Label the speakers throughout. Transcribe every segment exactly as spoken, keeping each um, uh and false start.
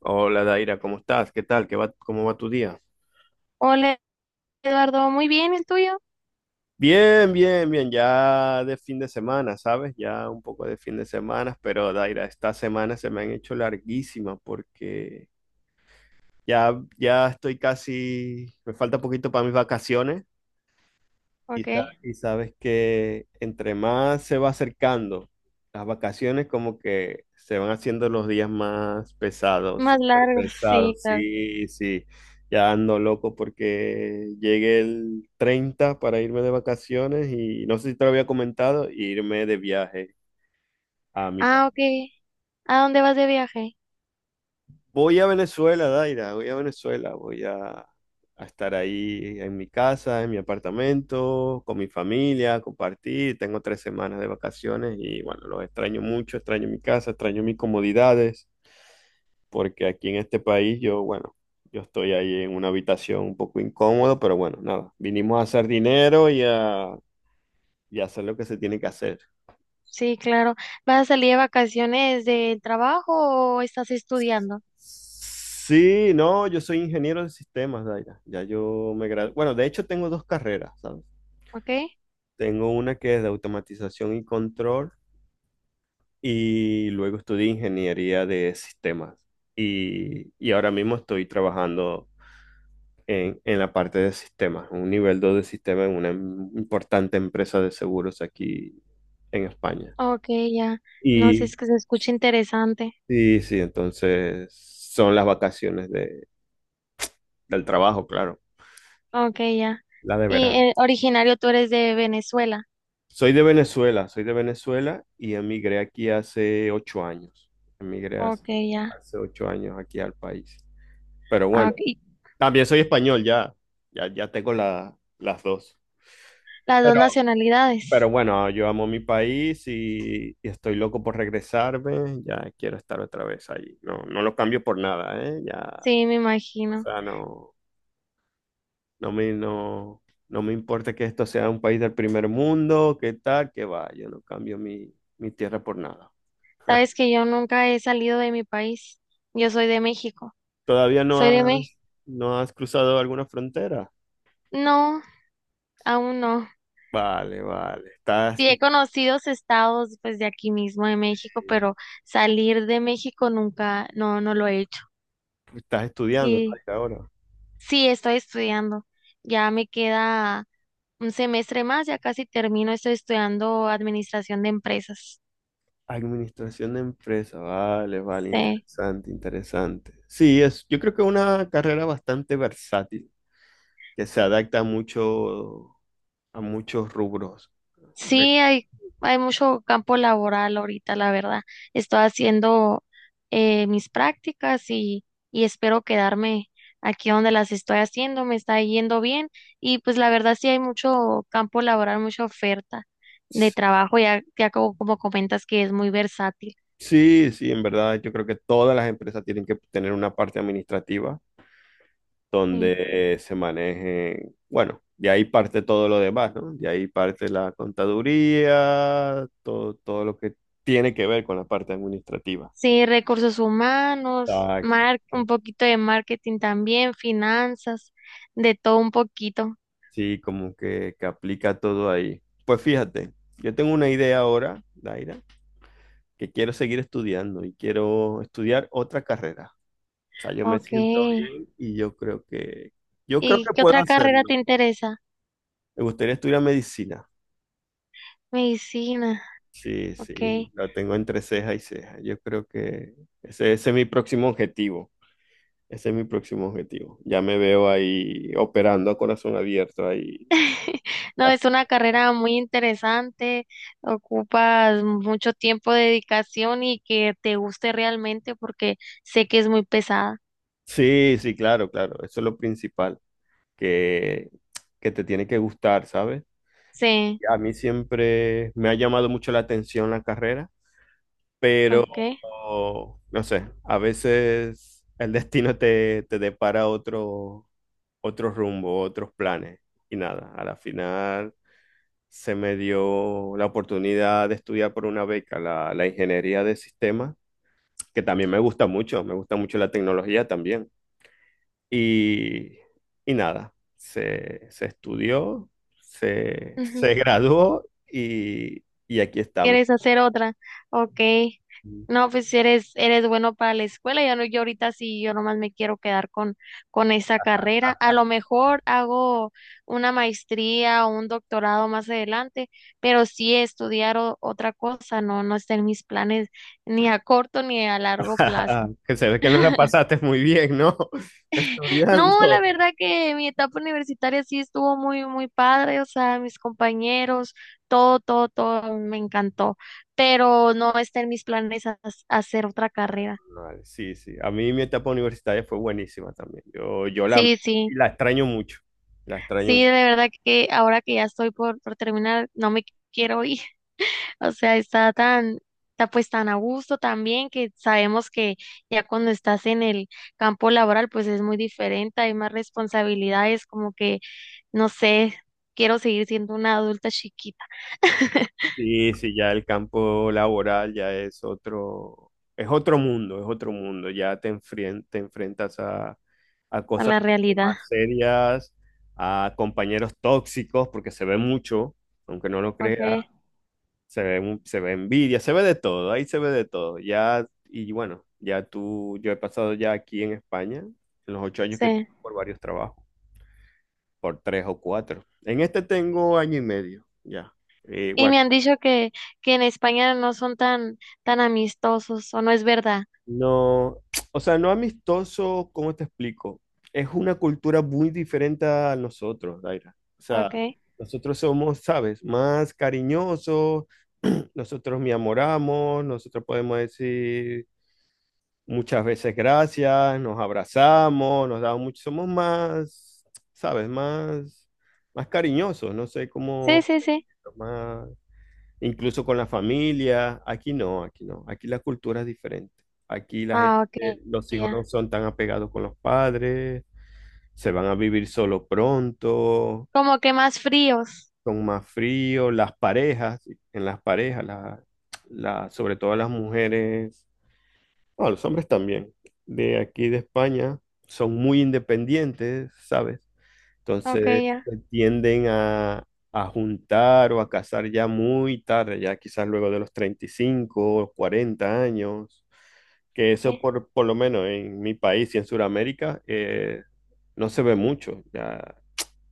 Speaker 1: Hola Daira, ¿cómo estás? ¿Qué tal? ¿Qué va, cómo va tu día?
Speaker 2: Hola Eduardo, muy bien, ¿el tuyo?
Speaker 1: Bien, bien, bien, ya de fin de semana, ¿sabes? Ya un poco de fin de semana, pero Daira, estas semanas se me han hecho larguísimas porque ya, ya estoy casi, me falta poquito para mis vacaciones. Y,
Speaker 2: Ok,
Speaker 1: sa- y sabes que entre más se va acercando las vacaciones, como que se van haciendo los días más pesados,
Speaker 2: más
Speaker 1: súper
Speaker 2: largo, sí,
Speaker 1: pesados.
Speaker 2: claro.
Speaker 1: Sí, sí. Ya ando loco porque llegué el treinta para irme de vacaciones y no sé si te lo había comentado, irme de viaje a mi
Speaker 2: Ah,
Speaker 1: país.
Speaker 2: ok, ¿a dónde vas de viaje?
Speaker 1: Voy a Venezuela, Daira, voy a Venezuela, voy a, a estar ahí en mi casa, en mi apartamento, con mi familia, compartir. Tengo tres semanas de vacaciones y bueno, los extraño mucho, extraño mi casa, extraño mis comodidades, porque aquí en este país yo, bueno, yo estoy ahí en una habitación un poco incómodo, pero bueno, nada, vinimos a hacer dinero y a, y a hacer lo que se tiene que hacer.
Speaker 2: Sí, claro. ¿Vas a salir de vacaciones del trabajo o estás estudiando?
Speaker 1: Sí, no, yo soy ingeniero de sistemas, Daira. Ya yo me gradué. Bueno, de hecho tengo dos carreras, ¿sabes?
Speaker 2: Ok,
Speaker 1: Tengo una que es de automatización y control y luego estudié ingeniería de sistemas y, y ahora mismo estoy trabajando en, en la parte de sistemas, un nivel dos de sistema en una im- importante empresa de seguros aquí en España.
Speaker 2: ok, ya. No sé,
Speaker 1: Y
Speaker 2: es que se escucha interesante.
Speaker 1: sí, sí, entonces son las vacaciones de- del trabajo, claro,
Speaker 2: Ok, ya.
Speaker 1: la de
Speaker 2: Y
Speaker 1: verano.
Speaker 2: eh, originario tú eres de Venezuela.
Speaker 1: Soy de Venezuela, soy de Venezuela y emigré aquí hace ocho años. Emigré hace,
Speaker 2: Ok, ya.
Speaker 1: hace ocho años aquí al país. Pero
Speaker 2: Ah,
Speaker 1: bueno,
Speaker 2: ok.
Speaker 1: también soy español, ya, ya, ya tengo la- las dos.
Speaker 2: Las dos
Speaker 1: Pero, pero
Speaker 2: nacionalidades.
Speaker 1: bueno, yo amo mi país y, y estoy loco por regresarme. Ya quiero estar otra vez allí. No, no lo cambio por nada, ¿eh? Ya,
Speaker 2: Sí, me
Speaker 1: o
Speaker 2: imagino.
Speaker 1: sea, no, no me, no, no me importa que esto sea un país del primer mundo, qué tal, qué va. Yo no cambio mi, mi tierra por nada.
Speaker 2: Sabes que yo nunca he salido de mi país. Yo soy de México.
Speaker 1: ¿Todavía no
Speaker 2: Soy de México.
Speaker 1: has, no has cruzado alguna frontera?
Speaker 2: No. Aún no.
Speaker 1: Vale, vale. Estás,
Speaker 2: Sí he conocido estados pues de aquí mismo de México, pero salir de México nunca, no, no lo he hecho.
Speaker 1: Estás estudiando,
Speaker 2: Y
Speaker 1: ¿no?, ahora.
Speaker 2: sí, estoy estudiando. Ya me queda un semestre más, ya casi termino. Estoy estudiando administración de empresas.
Speaker 1: Administración de empresa, vale, vale,
Speaker 2: Sí.
Speaker 1: interesante, interesante. Sí, es, yo creo que es una carrera bastante versátil, que se adapta mucho a muchos rubros. Correcto.
Speaker 2: Sí, hay, hay mucho campo laboral ahorita, la verdad. Estoy haciendo eh, mis prácticas y, y, espero quedarme aquí donde las estoy haciendo. Me está yendo bien y pues la verdad sí hay mucho campo laboral, mucha oferta de trabajo, ya, ya como, como comentas que es muy versátil.
Speaker 1: Sí, sí, en verdad, yo creo que todas las empresas tienen que tener una parte administrativa
Speaker 2: Sí,
Speaker 1: donde eh, se maneje, bueno, de ahí parte todo lo demás, ¿no? De ahí parte la contaduría, todo, todo lo que tiene que ver con la parte administrativa.
Speaker 2: Sí, recursos humanos,
Speaker 1: Exacto.
Speaker 2: mar, un poquito de marketing también, finanzas, de todo un poquito.
Speaker 1: Sí, como que, que aplica todo ahí. Pues fíjate, yo tengo una idea ahora, Daira, que quiero seguir estudiando y quiero estudiar otra carrera. O sea, yo me
Speaker 2: Ok.
Speaker 1: siento bien y yo creo que, yo creo
Speaker 2: ¿Y
Speaker 1: que
Speaker 2: qué
Speaker 1: puedo
Speaker 2: otra carrera te
Speaker 1: hacerlo.
Speaker 2: interesa?
Speaker 1: Me gustaría estudiar medicina.
Speaker 2: Medicina,
Speaker 1: Sí,
Speaker 2: ok.
Speaker 1: sí, lo tengo entre ceja y ceja. Yo creo que ese, ese es mi próximo objetivo. Ese es mi próximo objetivo. Ya me veo ahí operando a corazón abierto ahí.
Speaker 2: No,
Speaker 1: Ah,
Speaker 2: es una carrera muy interesante, ocupas mucho tiempo de dedicación y que te guste realmente porque sé que es muy pesada.
Speaker 1: sí, sí, claro, claro. Eso es lo principal. que, que te tiene que gustar, ¿sabes?
Speaker 2: Sí,
Speaker 1: Y a mí siempre me ha llamado mucho la atención la carrera, pero
Speaker 2: ok.
Speaker 1: no sé, a veces el destino te, te depara otro, otro rumbo, otros planes. Y nada, a la final se me dio la oportunidad de estudiar por una beca la, la ingeniería de sistemas, que también me gusta mucho, me gusta mucho la tecnología también. Y, y nada, se, se estudió, se, se graduó y, y aquí estamos.
Speaker 2: ¿Quieres hacer otra? Ok. No, pues eres, eres bueno para la escuela. Ya no, yo ahorita sí, yo nomás me quiero quedar con, con, esa carrera. A lo mejor hago una maestría o un doctorado más adelante, pero sí estudiar o- otra cosa, no, no está en mis planes ni a corto ni a largo plazo.
Speaker 1: Que se ve que no la pasaste muy bien, ¿no?
Speaker 2: No, la
Speaker 1: Estudiando.
Speaker 2: verdad que mi etapa universitaria sí estuvo muy, muy padre, o sea, mis compañeros, todo, todo, todo me encantó, pero no está en mis planes ha- hacer otra carrera.
Speaker 1: Vale, sí, sí. A mí mi etapa universitaria fue buenísima también. Yo, yo la,
Speaker 2: Sí,
Speaker 1: y
Speaker 2: sí,
Speaker 1: la extraño mucho. La extraño
Speaker 2: sí, de
Speaker 1: mucho.
Speaker 2: verdad que ahora que ya estoy por, por terminar, no me quiero ir, o sea, está tan, está pues tan a gusto también que sabemos que ya cuando estás en el campo laboral, pues es muy diferente, hay más responsabilidades, como que, no sé, quiero seguir siendo una adulta chiquita.
Speaker 1: Sí, sí, ya el campo laboral ya es otro, es otro mundo, es otro mundo. Ya te enfrien- te enfrentas a, a
Speaker 2: A
Speaker 1: cosas
Speaker 2: la
Speaker 1: mucho
Speaker 2: realidad,
Speaker 1: más serias, a compañeros tóxicos, porque se ve mucho, aunque no lo crea,
Speaker 2: ok,
Speaker 1: se ve, mu- se ve envidia, se ve de todo, ahí se ve de todo. Ya, y bueno, ya tú, yo he pasado ya aquí en España, en los ocho años, que
Speaker 2: sí.
Speaker 1: por varios trabajos, por tres o cuatro. En este tengo año y medio, ya. Eh,
Speaker 2: Y me
Speaker 1: bueno.
Speaker 2: han dicho que, que en España no son tan, tan amistosos, o no es verdad,
Speaker 1: No, o sea, no amistoso, ¿cómo te explico? Es una cultura muy diferente a nosotros, Daira. O sea,
Speaker 2: ok.
Speaker 1: nosotros somos, ¿sabes? Más cariñosos, nosotros me amoramos, nosotros podemos decir muchas veces gracias, nos abrazamos, nos damos mucho, somos más, ¿sabes? Más, más cariñosos, no sé
Speaker 2: Sí,
Speaker 1: cómo,
Speaker 2: sí, sí.
Speaker 1: más, incluso con la familia. Aquí no, aquí no. Aquí la cultura es diferente. Aquí la
Speaker 2: Ah,
Speaker 1: gente,
Speaker 2: ok,
Speaker 1: los hijos no
Speaker 2: ya.
Speaker 1: son tan apegados con los padres, se van a vivir solo pronto,
Speaker 2: Como que más fríos,
Speaker 1: son más fríos. Las parejas, en las parejas, la, la- sobre todo las mujeres, bueno, los hombres también, de aquí de España, son muy independientes, ¿sabes?
Speaker 2: ok,
Speaker 1: Entonces
Speaker 2: ya.
Speaker 1: se tienden a, a juntar o a casar ya muy tarde, ya quizás luego de los treinta y cinco o cuarenta años, que eso por, por lo menos en mi país y en Sudamérica eh, no se ve mucho. Ya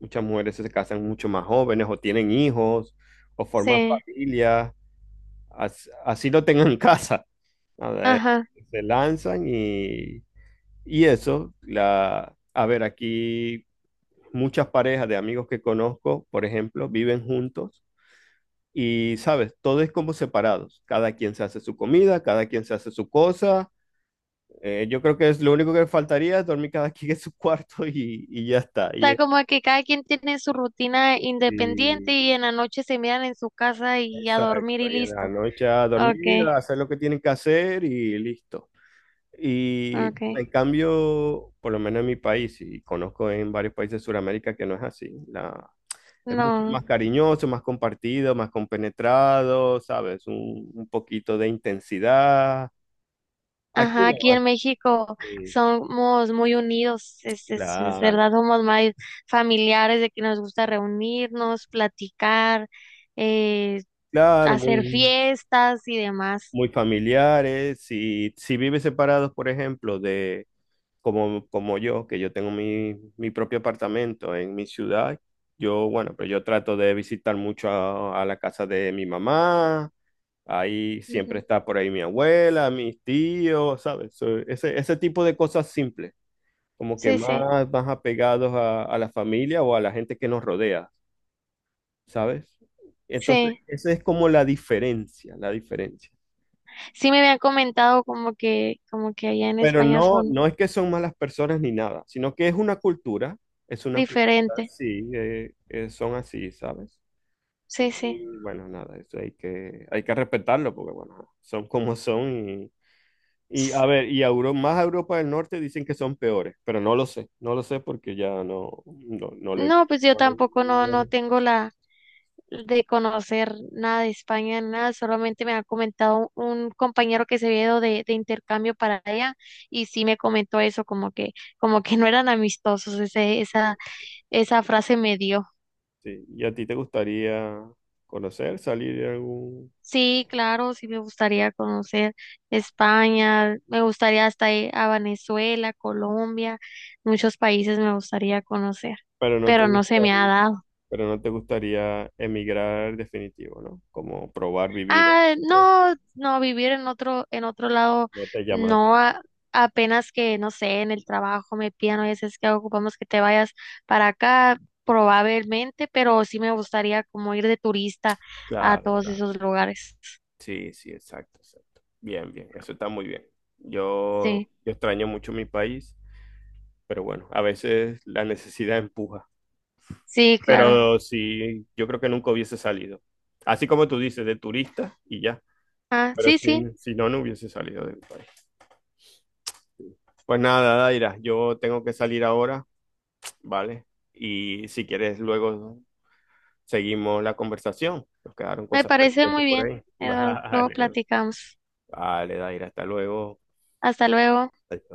Speaker 1: muchas mujeres se casan mucho más jóvenes o tienen hijos o forman
Speaker 2: Sí,
Speaker 1: familias, as- así, lo tengan en casa.
Speaker 2: ajá.
Speaker 1: Se lanzan y, y eso, la, a ver, aquí muchas parejas de amigos que conozco, por ejemplo, viven juntos y, sabes, todo es como separados. Cada quien se hace su comida, cada quien se hace su cosa. Eh, yo creo que es lo único que faltaría es dormir cada quien en su cuarto y, y ya está. Y,
Speaker 2: Está
Speaker 1: eh,
Speaker 2: como que cada quien tiene su rutina independiente y
Speaker 1: y-
Speaker 2: en la noche se miran en su casa y a dormir
Speaker 1: exacto,
Speaker 2: y
Speaker 1: y en
Speaker 2: listo.
Speaker 1: la noche a
Speaker 2: Ok,
Speaker 1: dormir, a hacer lo que tienen que hacer y listo. Y
Speaker 2: ok.
Speaker 1: en cambio, por lo menos en mi país, y conozco en varios países de Sudamérica que no es así. La, Es mucho
Speaker 2: No.
Speaker 1: más cariñoso, más compartido, más compenetrado, ¿sabes? Un, un poquito de intensidad. Aquí
Speaker 2: Ajá,
Speaker 1: no,
Speaker 2: aquí en México
Speaker 1: sí,
Speaker 2: somos muy unidos, es, es, es
Speaker 1: claro,
Speaker 2: verdad, somos más familiares de que nos gusta reunirnos, platicar, eh,
Speaker 1: claro,
Speaker 2: hacer
Speaker 1: muy,
Speaker 2: fiestas y demás.
Speaker 1: muy familiares. Si, si vives separados, por ejemplo, de como, como yo, que yo tengo mi, mi propio apartamento en mi ciudad, yo, bueno, pero yo trato de visitar mucho a, a la casa de mi mamá. Ahí siempre
Speaker 2: Ujú.
Speaker 1: está por ahí mi abuela, mis tíos, ¿sabes? So, Ese, ese tipo de cosas simples. Como que
Speaker 2: Sí, sí,
Speaker 1: más, más apegados a, a la familia o a la gente que nos rodea, ¿sabes? Entonces,
Speaker 2: sí.
Speaker 1: esa es como la diferencia, la diferencia.
Speaker 2: Sí me habían comentado como que, como que allá en
Speaker 1: Pero
Speaker 2: España
Speaker 1: no,
Speaker 2: son
Speaker 1: no es que son malas personas ni nada, sino que es una cultura, es una cultura,
Speaker 2: diferentes.
Speaker 1: sí, eh, eh, son así, ¿sabes?
Speaker 2: Sí, sí.
Speaker 1: Y bueno, nada, eso hay que, hay que respetarlo porque, bueno, son como son y, y,
Speaker 2: S-
Speaker 1: a ver, y a Euro- más a Europa del Norte dicen que son peores, pero no lo sé, no lo sé porque ya no, no, no lo he
Speaker 2: No,
Speaker 1: visto.
Speaker 2: pues yo tampoco no, no tengo la de conocer nada de España, nada, solamente me ha comentado un compañero que se había ido de, de intercambio para allá y sí me comentó eso, como que, como que no eran amistosos, ese, esa, esa frase me dio.
Speaker 1: Sí, ¿y a ti te gustaría conocer, salir de algún...
Speaker 2: Sí, claro, sí me gustaría conocer España, me gustaría hasta ir a Venezuela, Colombia, muchos países me gustaría conocer,
Speaker 1: Pero no te
Speaker 2: pero no se me ha
Speaker 1: gustaría,
Speaker 2: dado.
Speaker 1: pero no te gustaría emigrar definitivo, ¿no? Como probar vivir,
Speaker 2: Ah,
Speaker 1: pero
Speaker 2: no, no, vivir en otro, en otro lado,
Speaker 1: no te llama la
Speaker 2: no,
Speaker 1: atención.
Speaker 2: a- apenas que, no sé, en el trabajo me pidan, a veces que ocupamos que te vayas para acá, probablemente, pero sí me gustaría como ir de turista a
Speaker 1: Claro,
Speaker 2: todos
Speaker 1: claro.
Speaker 2: esos lugares.
Speaker 1: Sí, sí, exacto, exacto. Bien, bien, eso está muy bien. Yo,
Speaker 2: Sí,
Speaker 1: yo extraño mucho mi país, pero bueno, a veces la necesidad empuja.
Speaker 2: sí, claro.
Speaker 1: Pero sí, yo creo que nunca hubiese salido. Así como tú dices, de turista y ya.
Speaker 2: Ah,
Speaker 1: Pero
Speaker 2: sí, sí,
Speaker 1: si, si no, no hubiese salido de mi país. Pues nada, Daira, yo tengo que salir ahora, ¿vale? Y si quieres, luego seguimos la conversación. Nos quedaron
Speaker 2: me
Speaker 1: cosas
Speaker 2: parece
Speaker 1: pendientes
Speaker 2: muy
Speaker 1: por
Speaker 2: bien,
Speaker 1: ahí.
Speaker 2: Eduardo. Luego
Speaker 1: Vale,
Speaker 2: platicamos.
Speaker 1: vale, Daira, hasta luego.
Speaker 2: Hasta luego.
Speaker 1: Adiós.